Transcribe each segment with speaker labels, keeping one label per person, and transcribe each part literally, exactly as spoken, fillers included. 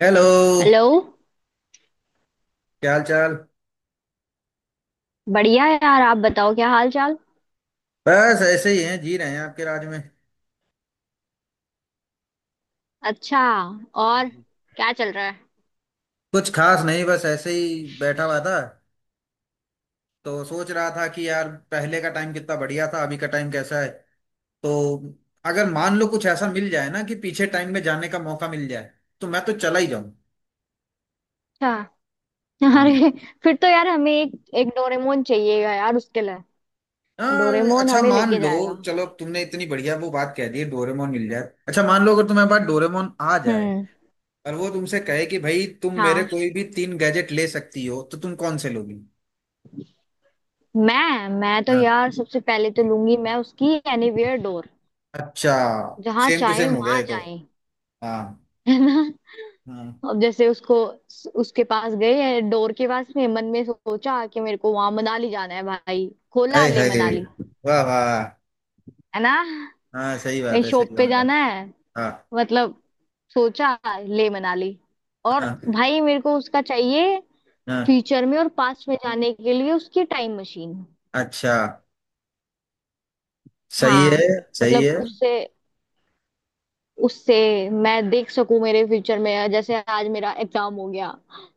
Speaker 1: Hello.
Speaker 2: Hello.
Speaker 1: क्या हाल चाल?
Speaker 2: बढ़िया है यार। आप बताओ, क्या हाल चाल।
Speaker 1: बस ऐसे ही हैं, जी रहे हैं आपके राज में।
Speaker 2: अच्छा।
Speaker 1: हाँ
Speaker 2: और
Speaker 1: जी।
Speaker 2: क्या चल रहा है?
Speaker 1: कुछ खास नहीं, बस ऐसे ही बैठा हुआ था। तो सोच रहा था कि यार पहले का टाइम कितना बढ़िया था, अभी का टाइम कैसा है। तो अगर मान लो कुछ ऐसा मिल जाए ना कि पीछे टाइम में जाने का मौका मिल जाए, तो मैं तो चला ही जाऊं।
Speaker 2: अच्छा।
Speaker 1: हाँ।
Speaker 2: अरे, फिर तो यार हमें एक एक डोरेमोन चाहिएगा यार उसके लिए।
Speaker 1: हाँ,
Speaker 2: डोरेमोन
Speaker 1: अच्छा
Speaker 2: हमें
Speaker 1: मान
Speaker 2: लेके
Speaker 1: लो।
Speaker 2: जाएगा।
Speaker 1: चलो, अब तुमने इतनी बढ़िया वो बात कह दी है, डोरेमोन मिल जाए। अच्छा मान लो अगर तुम्हारे पास डोरेमोन आ जाए
Speaker 2: हम्म।
Speaker 1: और वो तुमसे कहे कि भाई तुम मेरे
Speaker 2: हाँ।
Speaker 1: कोई भी तीन गैजेट ले सकती हो, तो तुम कौन से लोगी?
Speaker 2: मैं मैं तो यार सबसे पहले तो लूंगी मैं उसकी एनीवेयर डोर।
Speaker 1: अच्छा।
Speaker 2: जहाँ
Speaker 1: सेम टू
Speaker 2: चाहे
Speaker 1: सेम हो गया ये
Speaker 2: वहां
Speaker 1: तो।
Speaker 2: जाए,
Speaker 1: हाँ।
Speaker 2: है ना।
Speaker 1: हाँ।
Speaker 2: अब जैसे उसको उसके पास गए डोर के पास में मन में सोचा कि मेरे को वहां मनाली जाना है भाई। खोला,
Speaker 1: हाय
Speaker 2: ले
Speaker 1: हाय।
Speaker 2: मनाली।
Speaker 1: वाह वाह।
Speaker 2: है ना।
Speaker 1: हाँ, सही
Speaker 2: कहीं
Speaker 1: बात है, सही
Speaker 2: शॉप पे
Speaker 1: बात है।
Speaker 2: जाना है,
Speaker 1: हाँ।
Speaker 2: मतलब सोचा, ले मनाली। और
Speaker 1: हाँ।
Speaker 2: भाई मेरे को उसका चाहिए,
Speaker 1: हाँ।
Speaker 2: फ्यूचर में और पास्ट में जाने के लिए उसकी टाइम मशीन।
Speaker 1: अच्छा। सही है,
Speaker 2: हाँ।
Speaker 1: सही
Speaker 2: मतलब
Speaker 1: है।
Speaker 2: उससे उससे मैं देख सकूं मेरे फ्यूचर में। जैसे आज मेरा एग्जाम हो गया,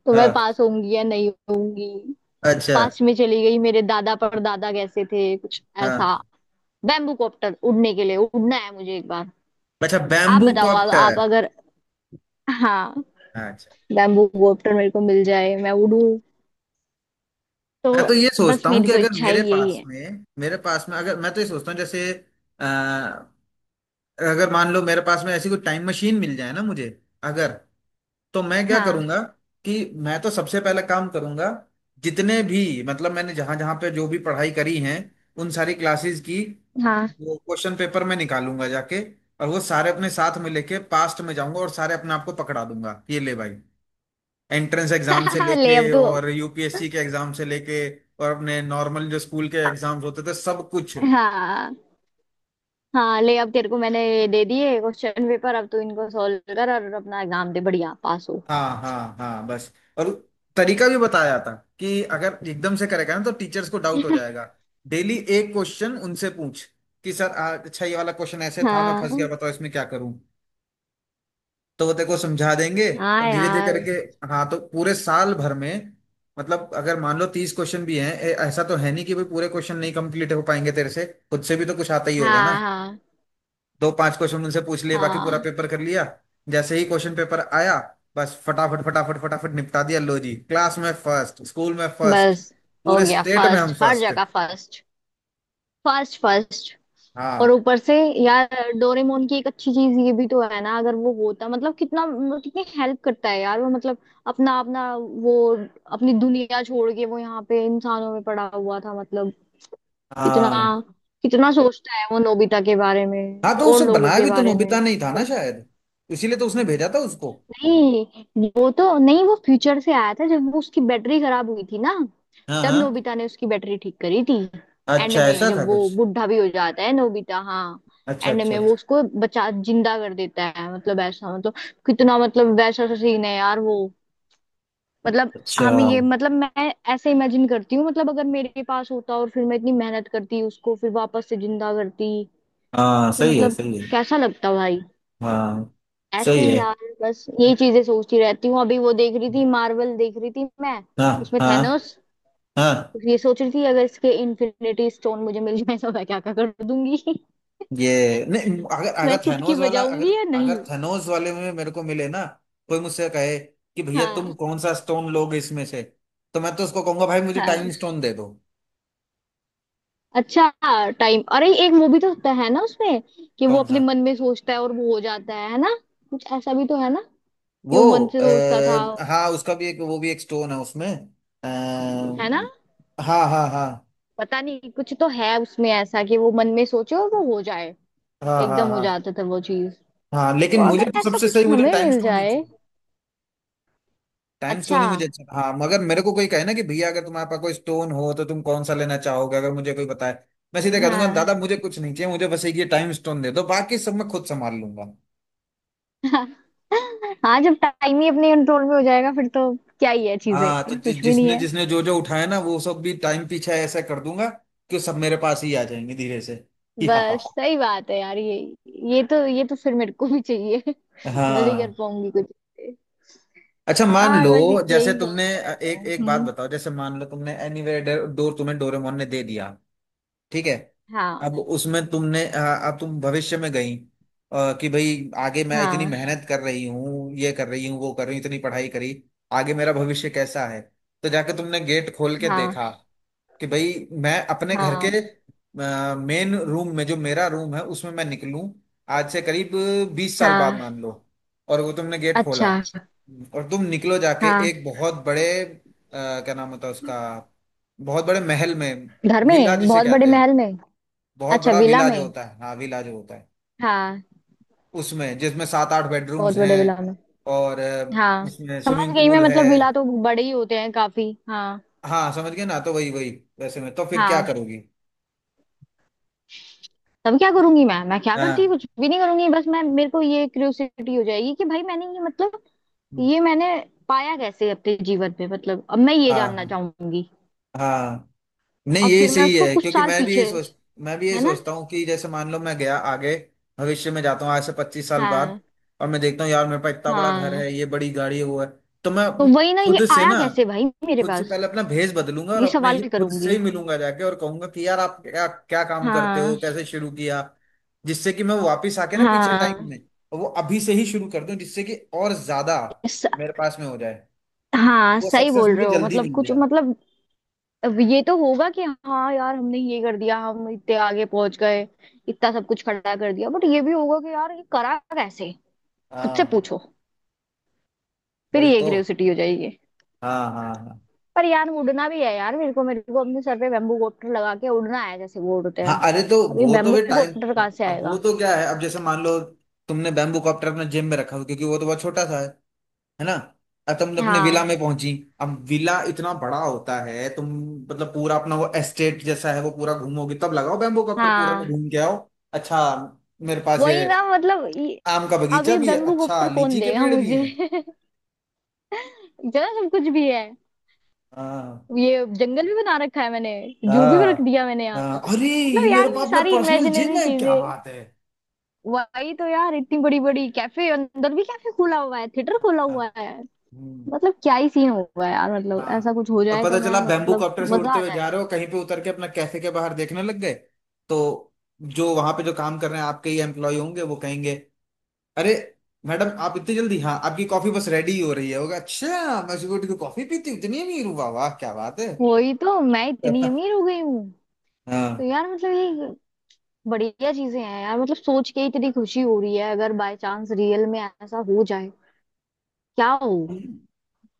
Speaker 2: तो मैं
Speaker 1: हाँ।
Speaker 2: पास होंगी या नहीं होंगी।
Speaker 1: अच्छा।
Speaker 2: पास्ट में चली गई, मेरे दादा परदादा कैसे थे, कुछ
Speaker 1: हाँ।
Speaker 2: ऐसा। बैम्बू कॉप्टर उड़ने के लिए, उड़ना है मुझे एक बार।
Speaker 1: अच्छा,
Speaker 2: आप
Speaker 1: बैम्बू
Speaker 2: बताओ, आप,
Speaker 1: कॉप्टर।
Speaker 2: आप अगर। हाँ।
Speaker 1: अच्छा।
Speaker 2: बैम्बू कॉप्टर मेरे को मिल जाए, मैं उड़ू तो।
Speaker 1: मैं तो ये
Speaker 2: बस
Speaker 1: सोचता हूँ
Speaker 2: मेरी
Speaker 1: कि
Speaker 2: तो
Speaker 1: अगर
Speaker 2: इच्छा
Speaker 1: मेरे
Speaker 2: ही यही
Speaker 1: पास
Speaker 2: है।
Speaker 1: में मेरे पास में अगर मैं तो ये सोचता हूँ जैसे, अ, अगर मान लो मेरे पास में ऐसी कोई टाइम मशीन मिल जाए ना मुझे, अगर, तो मैं क्या
Speaker 2: हाँ
Speaker 1: करूंगा? कि मैं तो सबसे पहला काम करूंगा, जितने भी मतलब मैंने जहां जहां पे जो भी पढ़ाई करी है, उन सारी क्लासेस की
Speaker 2: हाँ।
Speaker 1: वो क्वेश्चन पेपर में निकालूंगा जाके, और वो सारे अपने साथ में लेके पास्ट में जाऊंगा और सारे अपने आप को पकड़ा दूंगा ये ले भाई, एंट्रेंस एग्जाम से
Speaker 2: ले
Speaker 1: लेके
Speaker 2: अब तू।
Speaker 1: और यू पी एस सी के एग्जाम से लेके, और अपने नॉर्मल जो स्कूल के एग्जाम्स होते थे सब कुछ।
Speaker 2: हाँ। हाँ, ले अब तेरे को मैंने ये दे दिए क्वेश्चन पेपर, अब तू इनको सॉल्व कर और अपना एग्जाम दे, बढ़िया पास हो।
Speaker 1: हाँ हाँ हाँ, बस। और तरीका भी बताया था कि अगर एकदम से करेगा ना तो टीचर्स को डाउट हो जाएगा। डेली एक क्वेश्चन उनसे पूछ, कि सर, आ, अच्छा ये वाला क्वेश्चन ऐसे था, मैं फंस गया,
Speaker 2: हाँ।
Speaker 1: बताओ इसमें क्या करूं। तो वो तेरे को समझा देंगे। और
Speaker 2: हाँ
Speaker 1: धीरे धीरे
Speaker 2: यार।
Speaker 1: करके, हाँ, तो पूरे साल भर में, मतलब अगर मान लो तीस क्वेश्चन भी हैं, ए- ऐसा तो है नहीं कि भाई पूरे क्वेश्चन नहीं कंप्लीट हो पाएंगे तेरे से। खुद से भी तो कुछ आता ही होगा ना।
Speaker 2: हाँ हाँ
Speaker 1: दो पांच क्वेश्चन उनसे पूछ लिए, बाकी पूरा
Speaker 2: हाँ,
Speaker 1: पेपर कर लिया। जैसे ही क्वेश्चन पेपर आया, बस फटाफट फटाफट फटाफट निपटा दिया, लो जी, क्लास में फर्स्ट, स्कूल में फर्स्ट,
Speaker 2: बस। हो
Speaker 1: पूरे
Speaker 2: गया
Speaker 1: स्टेट में हम
Speaker 2: फर्स्ट, हर
Speaker 1: फर्स्ट।
Speaker 2: जगह फर्स्ट। First first. और
Speaker 1: हाँ।
Speaker 2: ऊपर से यार, डोरेमोन की एक अच्छी चीज ये भी तो है ना। अगर वो होता, मतलब कितना, मतलब कितनी हेल्प करता है यार वो। मतलब अपना अपना वो, अपनी दुनिया छोड़ के वो यहाँ पे इंसानों में पड़ा हुआ था। मतलब कितना,
Speaker 1: हाँ।
Speaker 2: कितना सोचता है वो नोबिता के बारे में
Speaker 1: हाँ, तो
Speaker 2: और
Speaker 1: उसे
Speaker 2: लोगों
Speaker 1: बनाया
Speaker 2: के
Speaker 1: भी तो
Speaker 2: बारे में
Speaker 1: नोबिता नहीं था ना
Speaker 2: मतलब।
Speaker 1: शायद, इसीलिए तो उसने भेजा था उसको।
Speaker 2: नहीं वो तो नहीं, वो फ्यूचर से आया था जब वो उसकी बैटरी खराब हुई थी ना।
Speaker 1: हाँ।
Speaker 2: तब
Speaker 1: हाँ,
Speaker 2: नोबिता ने उसकी बैटरी ठीक करी थी। एंड
Speaker 1: अच्छा
Speaker 2: में
Speaker 1: ऐसा था
Speaker 2: जब वो
Speaker 1: कुछ।
Speaker 2: बुढ़ा भी हो जाता है नोबिता, हाँ।
Speaker 1: अच्छा
Speaker 2: एंड
Speaker 1: अच्छा
Speaker 2: में वो
Speaker 1: अच्छा।
Speaker 2: उसको बचा, जिंदा कर देता है, मतलब ऐसा, मतलब कितना, मतलब वैसा सा सीन है यार वो। मतलब
Speaker 1: अच्छा।
Speaker 2: हम ये, मतलब मैं ऐसे इमेजिन करती हूँ। मतलब अगर मेरे पास होता और फिर मैं इतनी मेहनत करती उसको, फिर वापस से जिंदा करती
Speaker 1: हाँ,
Speaker 2: तो
Speaker 1: सही है,
Speaker 2: मतलब
Speaker 1: सही है।
Speaker 2: कैसा लगता भाई।
Speaker 1: हाँ,
Speaker 2: ऐसे
Speaker 1: सही
Speaker 2: ही
Speaker 1: है।
Speaker 2: यार, बस यही चीजें सोचती रहती हूँ। अभी वो देख रही थी, मार्वल देख रही थी मैं,
Speaker 1: हाँ।
Speaker 2: उसमें
Speaker 1: हाँ।
Speaker 2: थैनोस।
Speaker 1: हाँ।
Speaker 2: तो ये सोच रही थी अगर इसके इन्फिनिटी स्टोन मुझे मिल जाए तो मैं क्या क्या कर दूंगी।
Speaker 1: ये नहीं, अगर
Speaker 2: मैं
Speaker 1: अगर
Speaker 2: चुटकी
Speaker 1: थेनोस वाला, अगर
Speaker 2: बजाऊंगी या
Speaker 1: अगर
Speaker 2: नहीं।
Speaker 1: थेनोस वाले में मेरे को मिले ना, कोई मुझसे कहे कि भैया तुम
Speaker 2: हाँ।
Speaker 1: कौन सा स्टोन लोगे इसमें से, तो मैं तो उसको कहूंगा भाई मुझे टाइम
Speaker 2: हाँ।
Speaker 1: स्टोन दे दो।
Speaker 2: अच्छा। टाइम, अरे एक मूवी तो होता है ना उसमें, कि वो
Speaker 1: कौन
Speaker 2: अपने
Speaker 1: सा?
Speaker 2: मन में सोचता है और वो हो जाता है है ना। कुछ ऐसा भी तो है ना, कि वो मन
Speaker 1: वो,
Speaker 2: से सोचता था।
Speaker 1: आ, हाँ, उसका भी एक, वो भी एक स्टोन है उसमें। आ,
Speaker 2: है ना।
Speaker 1: हाँ। हाँ। हाँ।
Speaker 2: पता नहीं कुछ तो है उसमें ऐसा कि वो मन में सोचे और वो हो जाए।
Speaker 1: हाँ। हाँ।
Speaker 2: एकदम हो
Speaker 1: हाँ।
Speaker 2: जाता था वो चीज।
Speaker 1: हाँ।
Speaker 2: तो
Speaker 1: लेकिन मुझे
Speaker 2: अगर
Speaker 1: तो
Speaker 2: ऐसा
Speaker 1: सबसे
Speaker 2: कुछ
Speaker 1: सही, मुझे
Speaker 2: हमें
Speaker 1: टाइम
Speaker 2: मिल
Speaker 1: स्टोन ही
Speaker 2: जाए।
Speaker 1: चाहिए, टाइम स्टोन
Speaker 2: अच्छा।
Speaker 1: ही मुझे। अच्छा। हाँ, मगर मेरे को कोई कहे ना कि भैया अगर तुम्हारे पास कोई स्टोन हो तो तुम कौन सा लेना चाहोगे, अगर मुझे कोई बताए, मैं सीधे कह दूंगा,
Speaker 2: हाँ।
Speaker 1: दादा मुझे कुछ नहीं चाहिए, मुझे बस एक ये टाइम स्टोन दे दो, बाकी सब मैं खुद संभाल लूंगा।
Speaker 2: हाँ, जब टाइम ही अपने कंट्रोल में हो जाएगा फिर तो क्या ही है चीजें।
Speaker 1: हाँ, तो जि,
Speaker 2: कुछ भी नहीं
Speaker 1: जिसने
Speaker 2: है।
Speaker 1: जिसने जो जो उठाया ना, वो सब भी टाइम पीछे ऐसा कर दूंगा कि सब मेरे पास ही आ जाएंगे धीरे से। हाँ।
Speaker 2: बस सही बात है यार ये। ये तो, ये तो फिर मेरे को भी चाहिए। मैं भी कर
Speaker 1: हाँ,
Speaker 2: पाऊंगी कुछ।
Speaker 1: अच्छा मान
Speaker 2: यार
Speaker 1: लो।
Speaker 2: बस
Speaker 1: जैसे
Speaker 2: यही
Speaker 1: तुमने,
Speaker 2: सोचते
Speaker 1: अ,
Speaker 2: रहते
Speaker 1: एक
Speaker 2: हूँ।
Speaker 1: एक बात
Speaker 2: हम्म।
Speaker 1: बताओ, जैसे मान लो तुमने एनीवेयर डोर तुम्हें डोरेमोन ने दे दिया, ठीक है।
Speaker 2: हाँ।
Speaker 1: अब उसमें तुमने, हाँ, अब तुम भविष्य में गई, अ, कि भाई आगे मैं इतनी
Speaker 2: हाँ।
Speaker 1: मेहनत कर रही हूँ, ये कर रही हूँ, वो कर रही हूँ, इतनी पढ़ाई करी, आगे मेरा भविष्य कैसा है। तो जाके तुमने गेट खोल के
Speaker 2: हाँ।
Speaker 1: देखा कि भाई मैं अपने घर के
Speaker 2: हाँ।
Speaker 1: मेन रूम में, जो मेरा रूम है, उसमें मैं निकलूं आज से करीब बीस साल बाद,
Speaker 2: हाँ।
Speaker 1: मान लो। और वो तुमने गेट खोला
Speaker 2: अच्छा।
Speaker 1: और तुम निकलो जाके
Speaker 2: हाँ।
Speaker 1: एक बहुत बड़े, अ, क्या नाम होता है उसका, बहुत बड़े महल में,
Speaker 2: घर
Speaker 1: विला
Speaker 2: में।
Speaker 1: जिसे
Speaker 2: बहुत बड़े
Speaker 1: कहते हैं,
Speaker 2: महल में।
Speaker 1: बहुत
Speaker 2: अच्छा,
Speaker 1: बड़ा
Speaker 2: विला
Speaker 1: विला जो
Speaker 2: में।
Speaker 1: होता है, हाँ विला जो होता है,
Speaker 2: हाँ,
Speaker 1: उसमें, जिसमें सात आठ बेडरूम्स
Speaker 2: बहुत बड़े विला
Speaker 1: हैं,
Speaker 2: में।
Speaker 1: और, अ,
Speaker 2: हाँ,
Speaker 1: उसमें
Speaker 2: समझ
Speaker 1: स्विमिंग
Speaker 2: गई मैं,
Speaker 1: पूल है।
Speaker 2: मतलब विला तो बड़े ही होते हैं काफी, हाँ।
Speaker 1: हाँ, समझ गए ना, तो वही वही। वैसे में तो फिर क्या
Speaker 2: हाँ।
Speaker 1: करोगी?
Speaker 2: तब क्या करूंगी मैं, मैं क्या करती,
Speaker 1: हाँ।
Speaker 2: कुछ भी नहीं करूंगी, बस मैं, मेरे को ये क्यूरियोसिटी हो जाएगी कि भाई मैंने ये मतलब,
Speaker 1: हम्म।
Speaker 2: ये मैंने पाया कैसे अपने जीवन में, मतलब अब मैं ये जानना
Speaker 1: हाँ।
Speaker 2: चाहूंगी।
Speaker 1: हाँ, नहीं
Speaker 2: और
Speaker 1: ये
Speaker 2: फिर मैं
Speaker 1: सही
Speaker 2: उसको
Speaker 1: है,
Speaker 2: कुछ
Speaker 1: क्योंकि
Speaker 2: साल
Speaker 1: मैं भी
Speaker 2: पीछे।
Speaker 1: यही सोच, मैं भी यही
Speaker 2: है ना।
Speaker 1: सोचता हूँ कि जैसे मान लो मैं गया आगे, भविष्य में जाता हूँ आज से पच्चीस साल बाद,
Speaker 2: हाँ।
Speaker 1: और मैं देखता हूँ यार मेरे पास इतना बड़ा घर
Speaker 2: हाँ,
Speaker 1: है, ये बड़ी गाड़ी है, वो है, तो मैं
Speaker 2: तो वही ना, ये
Speaker 1: खुद से
Speaker 2: आया
Speaker 1: ना,
Speaker 2: कैसे भाई मेरे
Speaker 1: खुद से
Speaker 2: पास।
Speaker 1: पहले अपना भेष बदलूंगा और
Speaker 2: ये
Speaker 1: अपने
Speaker 2: सवाल
Speaker 1: ही खुद से
Speaker 2: करूंगी।
Speaker 1: ही मिलूंगा जाके और कहूंगा कि यार आप क्या क्या काम करते हो,
Speaker 2: हाँ।
Speaker 1: कैसे शुरू किया, जिससे कि मैं वापिस आके ना पीछे टाइम
Speaker 2: हाँ।
Speaker 1: में, और वो अभी से ही शुरू कर दूं, जिससे कि और ज्यादा
Speaker 2: स,
Speaker 1: मेरे पास में हो जाए,
Speaker 2: हाँ,
Speaker 1: वो
Speaker 2: सही
Speaker 1: सक्सेस
Speaker 2: बोल रहे
Speaker 1: मुझे
Speaker 2: हो,
Speaker 1: जल्दी
Speaker 2: मतलब
Speaker 1: मिल
Speaker 2: कुछ
Speaker 1: जाए।
Speaker 2: मतलब। अब ये तो होगा कि हाँ यार हमने ये कर दिया, हम इतने आगे पहुंच गए, इतना सब कुछ खड़ा कर दिया, बट ये भी होगा कि यार ये करा कैसे। खुद से
Speaker 1: हाँ,
Speaker 2: पूछो। फिर
Speaker 1: वही
Speaker 2: ये
Speaker 1: तो।
Speaker 2: क्यूरियोसिटी हो जाएगी।
Speaker 1: हाँ। हाँ। हाँ।
Speaker 2: पर यार उड़ना भी है यार, मेरे को, मेरे को अपने सर पे बेम्बू कॉप्टर लगा के उड़ना है जैसे वो उड़ते
Speaker 1: हाँ,
Speaker 2: हैं।
Speaker 1: अरे तो
Speaker 2: अब ये
Speaker 1: वो तो
Speaker 2: बेम्बू
Speaker 1: भी टाइम,
Speaker 2: कॉप्टर कहाँ
Speaker 1: अब
Speaker 2: से
Speaker 1: अब वो
Speaker 2: आएगा।
Speaker 1: तो क्या है, अब जैसे मान लो तुमने बैम्बू कॉप्टर अपने जिम में रखा हो, क्योंकि वो तो बहुत छोटा सा है है ना। अब तुम अपने विला
Speaker 2: हाँ।
Speaker 1: में पहुंची, अब विला इतना बड़ा होता है, तुम, मतलब पूरा अपना वो एस्टेट जैसा है, वो पूरा घूमोगे, तब लगाओ बैम्बू कॉप्टर, पूरा में
Speaker 2: हाँ,
Speaker 1: घूम के आओ। अच्छा, मेरे पास ये
Speaker 2: वही ना मतलब ये-
Speaker 1: आम का
Speaker 2: अब
Speaker 1: बगीचा
Speaker 2: ये
Speaker 1: भी है,
Speaker 2: बेम्बू
Speaker 1: अच्छा
Speaker 2: कॉप्टर कौन
Speaker 1: लीची के
Speaker 2: देगा
Speaker 1: पेड़ भी
Speaker 2: मुझे।
Speaker 1: हैं।
Speaker 2: जरा सब कुछ भी है।
Speaker 1: हाँ।
Speaker 2: ये जंगल भी बना रखा है मैंने। जू भी रख
Speaker 1: हाँ।
Speaker 2: दिया मैंने यहाँ
Speaker 1: हाँ,
Speaker 2: पे।
Speaker 1: अरे ये
Speaker 2: मतलब
Speaker 1: मेरे
Speaker 2: यार ये
Speaker 1: पास अपना
Speaker 2: सारी
Speaker 1: पर्सनल जिम
Speaker 2: इमेजिनरी
Speaker 1: है, क्या
Speaker 2: चीजें।
Speaker 1: बात है।
Speaker 2: वही तो यार, इतनी बड़ी बड़ी कैफे, अंदर भी कैफे खुला हुआ है, थिएटर खुला
Speaker 1: हाँ।
Speaker 2: हुआ है।
Speaker 1: हम्म।
Speaker 2: मतलब क्या ही सीन होगा यार, मतलब
Speaker 1: हाँ।
Speaker 2: ऐसा कुछ हो
Speaker 1: और
Speaker 2: जाए तो
Speaker 1: पता
Speaker 2: मैं
Speaker 1: चला बैम्बू
Speaker 2: मतलब।
Speaker 1: कॉप्टर से
Speaker 2: मजा
Speaker 1: उड़ते
Speaker 2: आ
Speaker 1: हुए जा
Speaker 2: जाएगा।
Speaker 1: रहे हो, कहीं पे उतर के अपना कैफे के बाहर देखने लग गए, तो जो वहां पे जो काम कर रहे हैं, आपके ही एम्प्लॉय होंगे, वो कहेंगे, अरे मैडम आप इतनी जल्दी, हाँ आपकी कॉफी बस रेडी हो रही है होगा, अच्छा, मैं सुबह उठ के कॉफी पीती हूँ, इतनी अमीर हूँ, वाह वाह क्या बात है।
Speaker 2: वही तो, मैं इतनी अमीर हो गई हूँ। तो
Speaker 1: हाँ।
Speaker 2: यार मतलब ये, बढ़िया चीजें हैं यार, मतलब सोच के ही इतनी खुशी हो रही है। अगर बाय चांस रियल में ऐसा हो जाए, क्या हो।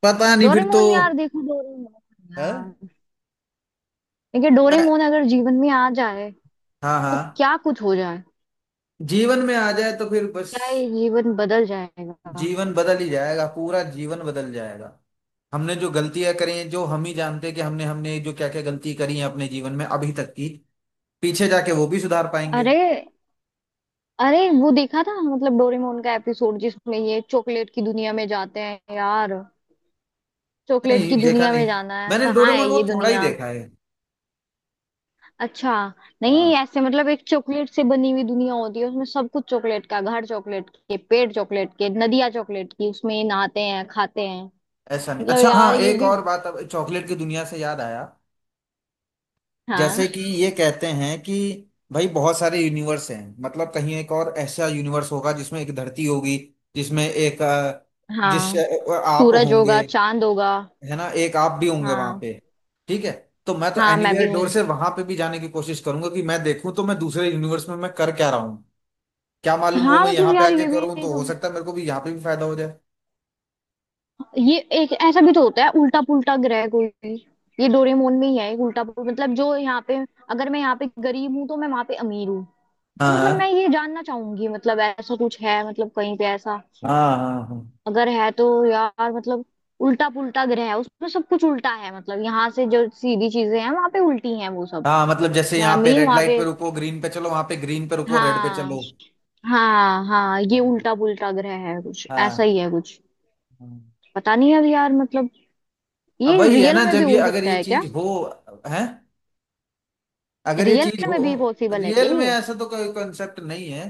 Speaker 1: पता नहीं फिर तो,
Speaker 2: डोरेमोन यार, देखो डोरेमोन
Speaker 1: है।
Speaker 2: यार, देखिए
Speaker 1: मैं-
Speaker 2: डोरेमोन अगर जीवन में आ जाए
Speaker 1: हाँ।
Speaker 2: तो
Speaker 1: हाँ,
Speaker 2: क्या कुछ हो जाए,
Speaker 1: जीवन में आ जाए तो फिर बस
Speaker 2: क्या ये जीवन बदल जाएगा।
Speaker 1: जीवन बदल ही जाएगा, पूरा जीवन बदल जाएगा। हमने जो गलतियां करी हैं, जो हम ही जानते हैं कि हमने हमने जो क्या क्या गलती करी है अपने जीवन में अभी तक की, पीछे जाके वो भी सुधार पाएंगे।
Speaker 2: अरे, अरे वो देखा था मतलब डोरेमोन का एपिसोड जिसमें ये चॉकलेट की दुनिया में जाते हैं यार। चॉकलेट
Speaker 1: नहीं
Speaker 2: की
Speaker 1: देखा
Speaker 2: दुनिया में
Speaker 1: नहीं,
Speaker 2: जाना है,
Speaker 1: मैंने
Speaker 2: कहाँ
Speaker 1: डोरेमोन
Speaker 2: है
Speaker 1: वो
Speaker 2: ये
Speaker 1: थोड़ा ही
Speaker 2: दुनिया।
Speaker 1: देखा है।
Speaker 2: अच्छा।
Speaker 1: हाँ।
Speaker 2: नहीं ऐसे, मतलब एक चॉकलेट से बनी हुई दुनिया होती है, उसमें सब कुछ चॉकलेट का, घर चॉकलेट के, पेड़ चॉकलेट के, नदियाँ चॉकलेट की, उसमें नहाते हैं खाते हैं।
Speaker 1: ऐसा नहीं,
Speaker 2: मतलब
Speaker 1: अच्छा
Speaker 2: यार
Speaker 1: हाँ,
Speaker 2: ये
Speaker 1: एक
Speaker 2: भी।
Speaker 1: और बात, अब चॉकलेट की दुनिया से याद आया,
Speaker 2: हाँ।
Speaker 1: जैसे कि ये कहते हैं कि भाई बहुत सारे यूनिवर्स हैं, मतलब कहीं एक और ऐसा यूनिवर्स होगा जिसमें एक धरती होगी, जिसमें एक, अ, जिस
Speaker 2: हाँ,
Speaker 1: अ, आप
Speaker 2: सूरज होगा,
Speaker 1: होंगे,
Speaker 2: चांद होगा।
Speaker 1: है ना, एक आप भी होंगे वहां
Speaker 2: हाँ।
Speaker 1: पे, ठीक है। तो मैं तो
Speaker 2: हाँ, मैं भी
Speaker 1: एनीवेयर डोर से
Speaker 2: हूँ।
Speaker 1: वहां पे भी जाने की कोशिश करूंगा कि मैं देखूं तो मैं दूसरे यूनिवर्स में मैं कर क्या रहा हूँ। क्या मालूम वो
Speaker 2: हाँ,
Speaker 1: मैं
Speaker 2: मतलब
Speaker 1: यहाँ पे
Speaker 2: यार
Speaker 1: आके
Speaker 2: ये भी
Speaker 1: करूँ
Speaker 2: एक,
Speaker 1: तो हो सकता है मेरे को भी यहाँ पे भी फायदा हो जाए।
Speaker 2: ये एक ऐसा भी तो होता है, उल्टा पुल्टा ग्रह कोई भी। ये डोरेमोन में ही है, एक उल्टा पुल्टा, मतलब जो यहाँ पे, अगर मैं यहाँ पे गरीब हूँ तो मैं वहां पे अमीर हूँ। तो
Speaker 1: हाँ।
Speaker 2: मतलब मैं
Speaker 1: हाँ।
Speaker 2: ये जानना चाहूंगी मतलब ऐसा कुछ है, मतलब कहीं पे ऐसा।
Speaker 1: हाँ। हाँ। हाँ।
Speaker 2: अगर है तो यार मतलब, उल्टा पुल्टा ग्रह है, उसमें सब कुछ उल्टा है, मतलब यहाँ से जो सीधी चीजें हैं वहां पे उल्टी हैं वो सब।
Speaker 1: हाँ, मतलब जैसे
Speaker 2: मैं
Speaker 1: यहाँ पे
Speaker 2: अमीर
Speaker 1: रेड
Speaker 2: वहां
Speaker 1: लाइट पे
Speaker 2: पे।
Speaker 1: रुको, ग्रीन पे चलो, वहां पे ग्रीन पे रुको, रेड पे
Speaker 2: हाँ।
Speaker 1: चलो।
Speaker 2: हाँ हाँ, ये
Speaker 1: हाँ।
Speaker 2: उल्टा पुल्टा ग्रह है, कुछ ऐसा
Speaker 1: हाँ।
Speaker 2: ही है कुछ।
Speaker 1: हाँ।
Speaker 2: पता नहीं अब यार मतलब,
Speaker 1: अब
Speaker 2: ये
Speaker 1: वही है
Speaker 2: रियल
Speaker 1: ना,
Speaker 2: में भी
Speaker 1: जब ये
Speaker 2: हो
Speaker 1: अगर
Speaker 2: सकता
Speaker 1: ये
Speaker 2: है क्या?
Speaker 1: चीज हो, है, अगर ये
Speaker 2: रियल
Speaker 1: चीज हो
Speaker 2: में भी पॉसिबल है क्या
Speaker 1: रियल में,
Speaker 2: ये?
Speaker 1: ऐसा तो कोई कॉन्सेप्ट नहीं है,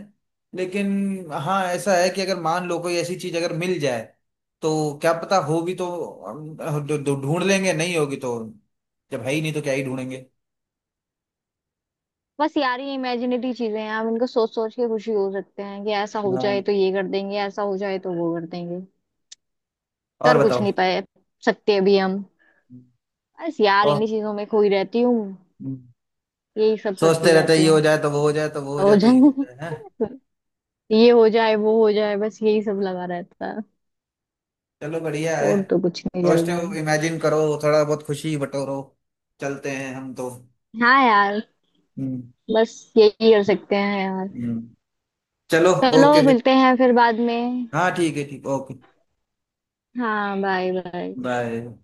Speaker 1: लेकिन हाँ, ऐसा है कि अगर मान लो कोई ऐसी चीज अगर मिल जाए, तो क्या पता, होगी तो हम ढू- ढू- ढूंढ लेंगे, नहीं होगी तो, जब है ही नहीं तो क्या ही ढूंढेंगे।
Speaker 2: बस यार ये इमेजिनेटरी चीजें हैं, हम इनको सोच सोच के खुशी हो सकते हैं कि ऐसा हो
Speaker 1: हाँ,
Speaker 2: जाए तो ये कर देंगे, ऐसा हो जाए तो वो कर देंगे।
Speaker 1: और
Speaker 2: कर कुछ
Speaker 1: बताओ।
Speaker 2: नहीं पाए सकते अभी हम।
Speaker 1: हम्म।
Speaker 2: बस यार
Speaker 1: और।
Speaker 2: इन्हीं चीजों में खोई रहती हूँ,
Speaker 1: हम्म,
Speaker 2: यही सब करती
Speaker 1: सोचते रहते हैं,
Speaker 2: रहती
Speaker 1: ये
Speaker 2: हूँ।
Speaker 1: हो जाए तो वो हो जाए तो वो हो जाए
Speaker 2: हो
Speaker 1: तो ये हो
Speaker 2: जाए।
Speaker 1: जाए, है।
Speaker 2: ये हो जाए वो हो जाए, बस यही सब लगा रहता है।
Speaker 1: चलो बढ़िया है,
Speaker 2: और तो कुछ नहीं चल रहा
Speaker 1: पॉजिटिव
Speaker 2: है।
Speaker 1: इमेजिन करो, थोड़ा बहुत खुशी बटोरो, चलते हैं हम तो।
Speaker 2: हाँ यार,
Speaker 1: हम्म।
Speaker 2: बस यही कर सकते हैं यार।
Speaker 1: हम्म। चलो,
Speaker 2: चलो
Speaker 1: ओके फिर।
Speaker 2: मिलते हैं फिर बाद में।
Speaker 1: हाँ ठीक है, ठीक, ओके
Speaker 2: हाँ, बाय बाय।
Speaker 1: बाय।